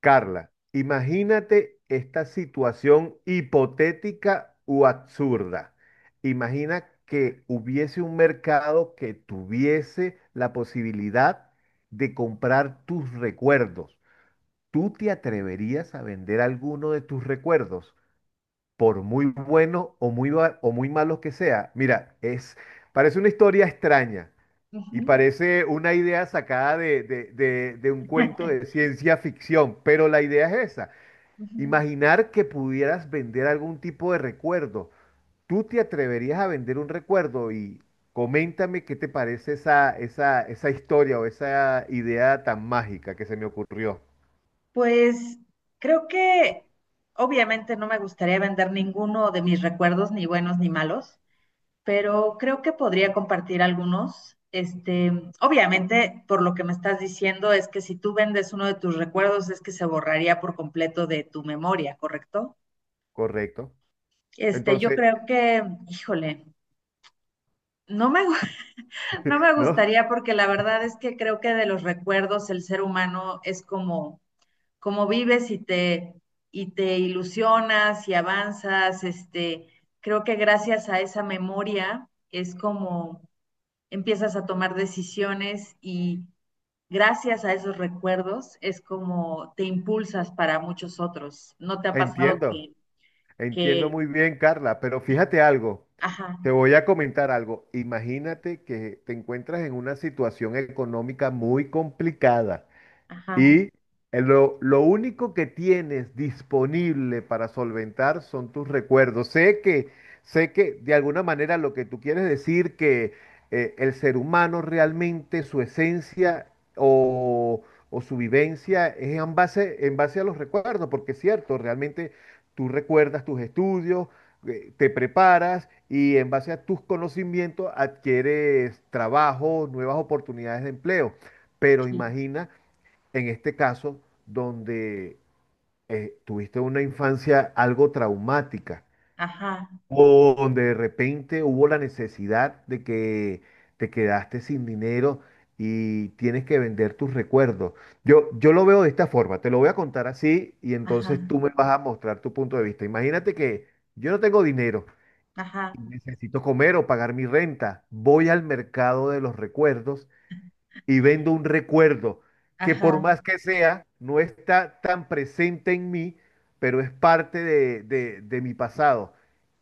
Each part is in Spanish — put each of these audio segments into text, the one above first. Carla, imagínate esta situación hipotética u absurda. Imagina que hubiese un mercado que tuviese la posibilidad de comprar tus recuerdos. ¿Tú te atreverías a vender alguno de tus recuerdos, por muy bueno o muy, ba- o muy malo que sea? Mira, es, parece una historia extraña y Ujú. parece una idea sacada de un cuento de ciencia ficción, pero la idea es esa. Ujú. Imaginar que pudieras vender algún tipo de recuerdo. ¿Tú te atreverías a vender un recuerdo? Y coméntame qué te parece esa, esa, esa historia o esa idea tan mágica que se me ocurrió. Pues creo que obviamente no me gustaría vender ninguno de mis recuerdos, ni buenos ni malos, pero creo que podría compartir algunos. Este, obviamente, por lo que me estás diciendo, es que si tú vendes uno de tus recuerdos, es que se borraría por completo de tu memoria, ¿correcto? Correcto. Este, yo Entonces, creo que, híjole, no me, gu- no me no, gustaría porque la verdad es que creo que de los recuerdos el ser humano es como cómo vives y te ilusionas y avanzas. Este, creo que gracias a esa memoria es como empiezas a tomar decisiones y gracias a esos recuerdos es como te impulsas para muchos otros. ¿No te ha pasado entiendo, entiendo que, muy bien, Carla, pero fíjate algo. ajá, Te voy a comentar algo. Imagínate que te encuentras en una situación económica muy complicada. ajá, Y lo único que tienes disponible para solventar son tus recuerdos. Sé que de alguna manera lo que tú quieres decir que el ser humano realmente su esencia o, o su vivencia es en base a los recuerdos, porque es cierto, realmente tú recuerdas tus estudios, te preparas y en base a tus conocimientos adquieres trabajo, nuevas oportunidades de empleo. Pero sí, imagina en este caso, donde tuviste una infancia algo traumática ajá, o donde de repente hubo la necesidad de que te quedaste sin dinero y tienes que vender tus recuerdos. Yo lo veo de esta forma, te lo voy a contar así y entonces tú ajá, me vas a mostrar tu punto de vista. Imagínate que yo no tengo dinero y ajá, necesito comer o pagar mi renta. Voy al mercado de los recuerdos y vendo un recuerdo que por ajá, más que sea, no está tan presente en mí, pero es parte de, de mi pasado.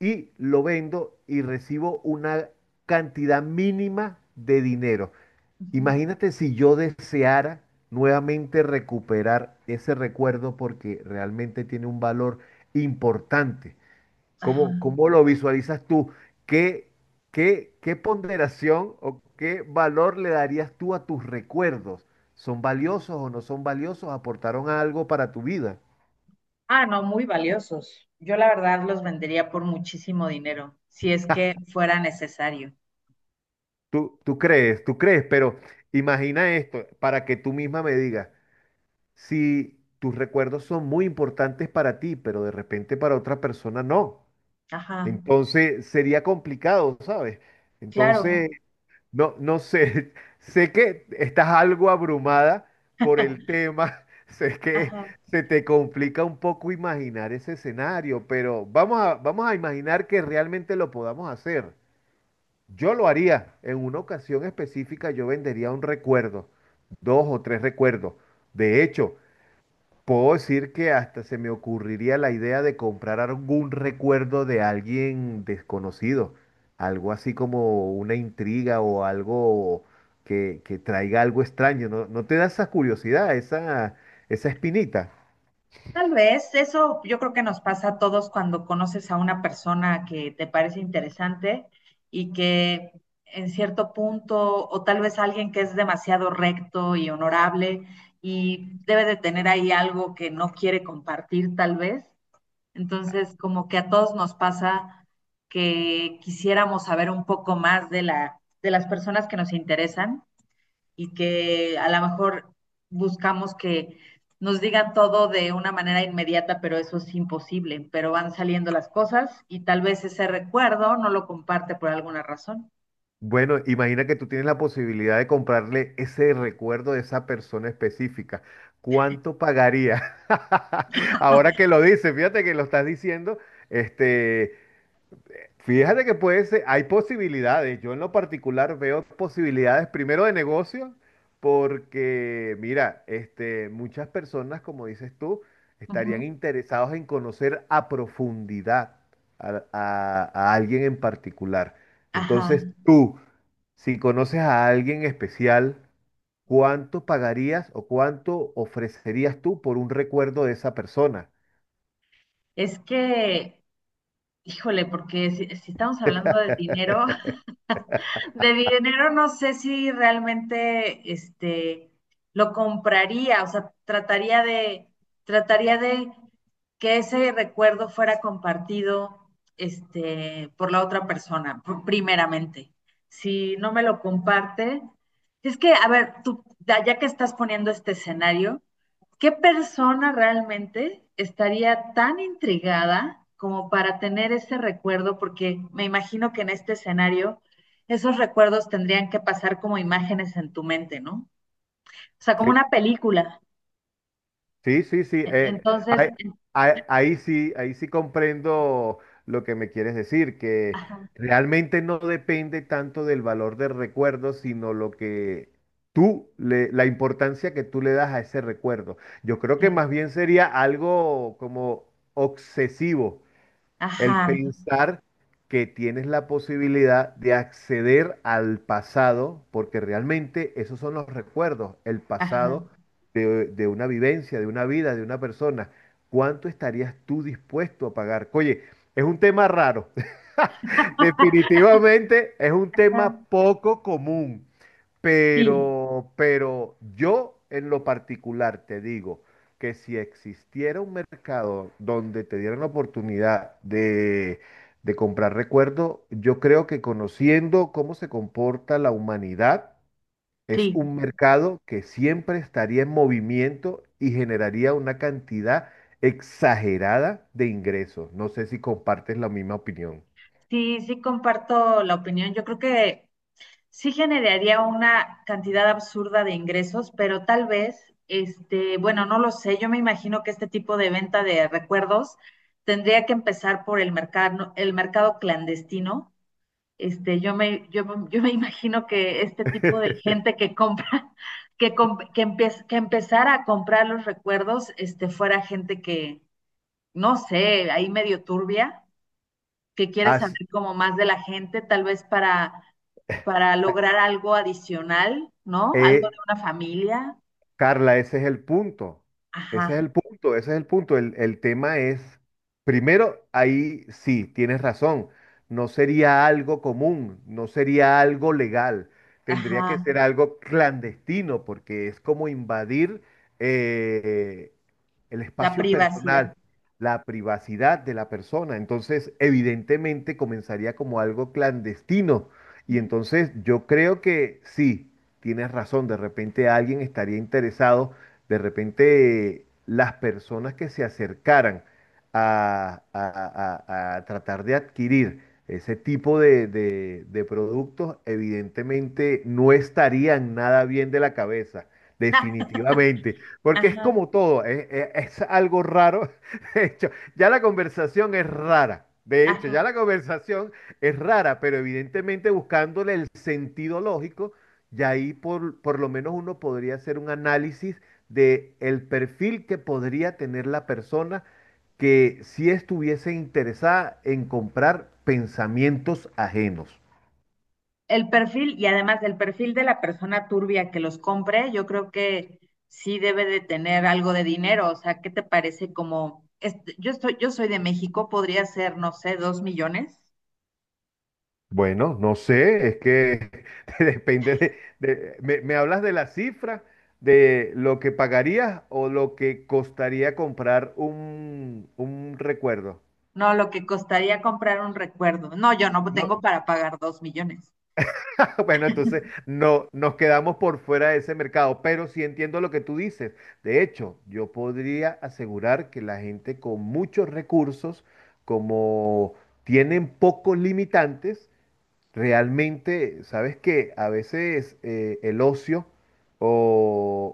Y lo vendo y recibo una cantidad mínima de dinero. ujú, Imagínate si yo deseara nuevamente recuperar ese recuerdo porque realmente tiene un valor importante. ajá? ¿Cómo, cómo lo visualizas tú? ¿Qué, qué, qué ponderación o qué valor le darías tú a tus recuerdos? ¿Son valiosos o no son valiosos? ¿Aportaron algo para tu vida? Ah, no, muy valiosos. Yo la verdad los vendería por muchísimo dinero, si es que fuera necesario. Tú, tú crees, pero imagina esto para que tú misma me digas, si tus recuerdos son muy importantes para ti, pero de repente para otra persona no, Ajá, entonces sería complicado, ¿sabes? Entonces... claro, No, no sé, sé que estás algo abrumada por el tema, sé que ajá. se te complica un poco imaginar ese escenario, pero vamos a imaginar que realmente lo podamos hacer. Yo lo haría, en una ocasión específica yo vendería un recuerdo, dos o tres recuerdos. De hecho, puedo decir que hasta se me ocurriría la idea de comprar algún recuerdo de alguien desconocido, algo así como una intriga o algo que traiga algo extraño. ¿No, no te da esa curiosidad, esa espinita? Tal vez eso yo creo que nos pasa a todos cuando conoces a una persona que te parece interesante y que en cierto punto, o tal vez alguien que es demasiado recto y honorable y debe de tener ahí algo que no quiere compartir, tal vez. Entonces, como que a todos nos pasa que quisiéramos saber un poco más de de las personas que nos interesan y que a lo mejor buscamos que nos digan todo de una manera inmediata, pero eso es imposible, pero van saliendo las cosas y tal vez ese recuerdo no lo comparte por alguna razón. Bueno, imagina que tú tienes la posibilidad de comprarle ese recuerdo de esa persona específica. ¿Cuánto pagaría? Ahora que lo dices, fíjate que lo estás diciendo, este... Fíjate que puede ser, hay posibilidades. Yo en lo particular veo posibilidades primero de negocio, porque mira, este, muchas personas, como dices tú, Ujú. estarían interesados en conocer a profundidad a, alguien en particular. Ajá. Entonces tú, si conoces a alguien especial, ¿cuánto pagarías o cuánto ofrecerías tú por un recuerdo de esa persona? Es que, híjole, porque si estamos hablando de dinero. De dinero no sé si realmente este lo compraría, o sea, trataría de que ese recuerdo fuera compartido este por la otra persona primeramente. Si no me lo comparte, es que a ver, tú ya que estás poniendo este escenario, ¿qué persona realmente estaría tan intrigada como para tener ese recuerdo? Porque me imagino que en este escenario esos recuerdos tendrían que pasar como imágenes en tu mente, ¿no? O sea, como una película. Sí, sí, sí. E- Entonces, ahí, en- ahí sí comprendo lo que me quieres decir, que ajá, realmente no depende tanto del valor del recuerdo, sino lo que la importancia que tú le das a ese recuerdo. Yo creo que claro. más bien sería algo como obsesivo. El Ajá, pensar que tienes la posibilidad de acceder al pasado, porque realmente esos son los recuerdos, el ajá. pasado de una vivencia, de una vida, de una persona. ¿Cuánto estarías tú dispuesto a pagar? Oye, es un tema raro. Definitivamente es un tema Ah, poco común. sí, Pero yo en lo particular te digo que si existiera un mercado donde te dieran la oportunidad de comprar recuerdo, yo creo que conociendo cómo se comporta la humanidad, es sí, un mercado que siempre estaría en movimiento y generaría una cantidad exagerada de ingresos. No sé si compartes la misma opinión. sí, sí comparto la opinión. Yo creo que sí generaría una cantidad absurda de ingresos, pero tal vez, este, bueno, no lo sé, yo me imagino que este tipo de venta de recuerdos tendría que empezar por el mercado clandestino. Este, yo me imagino que este tipo de gente que compra, que empezara a comprar los recuerdos, este, fuera gente que, no sé, ahí medio turbia que quieres Así- saber como más de la gente, para lograr algo adicional, ¿no? Algo de eh, una familia. Carla, ese es el punto. Ese es Ajá, el punto, ese es el punto. El tema es, primero, ahí sí, tienes razón. No sería algo común, no sería algo legal. Tendría que ajá, ser algo clandestino porque es como invadir eh, el la espacio privacidad. personal, la privacidad de la persona. Entonces, evidentemente, comenzaría como algo clandestino. Y entonces yo creo que sí tienes razón, de repente alguien estaría interesado, de repente las personas que se acercaran a, a tratar de adquirir ese tipo de, de productos, evidentemente no estarían nada bien de la cabeza. Definitivamente, porque es Ajá, como todo, es, es algo raro. De hecho, ya la conversación es rara. De hecho, ya ajá. la conversación es rara, pero evidentemente buscándole el sentido lógico, y ahí por lo menos uno podría hacer un análisis de el perfil que podría tener la persona que si estuviese interesada en comprar pensamientos ajenos. El perfil y además el perfil de la persona turbia que los compre, yo creo que sí debe de tener algo de dinero. O sea, ¿qué te parece como, este, yo soy de México, podría ser, no sé, 2.000.000? Bueno, no sé, es que depende de, me hablas de la cifra, de lo que pagarías o lo que costaría comprar un recuerdo. No, lo que costaría comprar un recuerdo. No, yo no No, tengo para pagar 2.000.000. bueno, entonces no nos quedamos por fuera de ese mercado, pero sí entiendo lo que tú dices. De hecho, yo podría asegurar que la gente con muchos recursos, como tienen pocos limitantes, realmente, sabes que a veces el ocio o,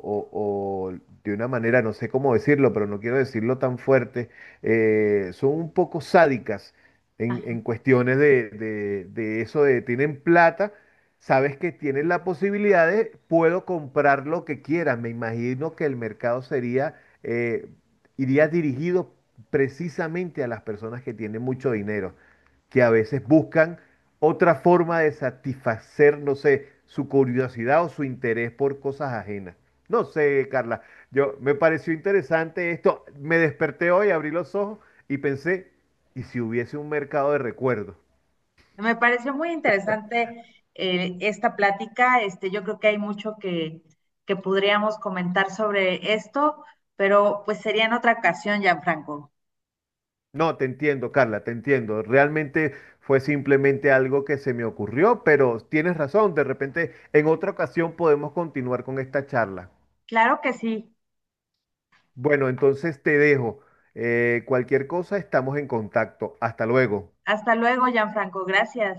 o- o de una manera, no sé cómo decirlo, pero no quiero decirlo tan fuerte, son un poco sádicas en cuestiones de, de eso de tienen plata, sabes que tienen la posibilidad de puedo comprar lo que quiera. Me imagino que el mercado sería, eh, iría dirigido precisamente a las personas que tienen mucho dinero que a veces buscan otra forma de satisfacer, no sé, su curiosidad o su interés por cosas ajenas. No sé, Carla, yo me pareció interesante esto. Me desperté hoy, abrí los ojos y pensé, ¿y si hubiese un mercado de recuerdos? Me pareció muy interesante esta plática. Este, yo creo que hay mucho que podríamos comentar sobre esto, pero pues sería en otra ocasión, Gianfranco. No, te entiendo, Carla, te entiendo. Realmente fue simplemente algo que se me ocurrió, pero tienes razón, de repente en otra ocasión podemos continuar con esta charla. Claro que sí. Bueno, entonces te dejo. Cualquier cosa, estamos en contacto. Hasta luego. Hasta luego, Gianfranco. Gracias.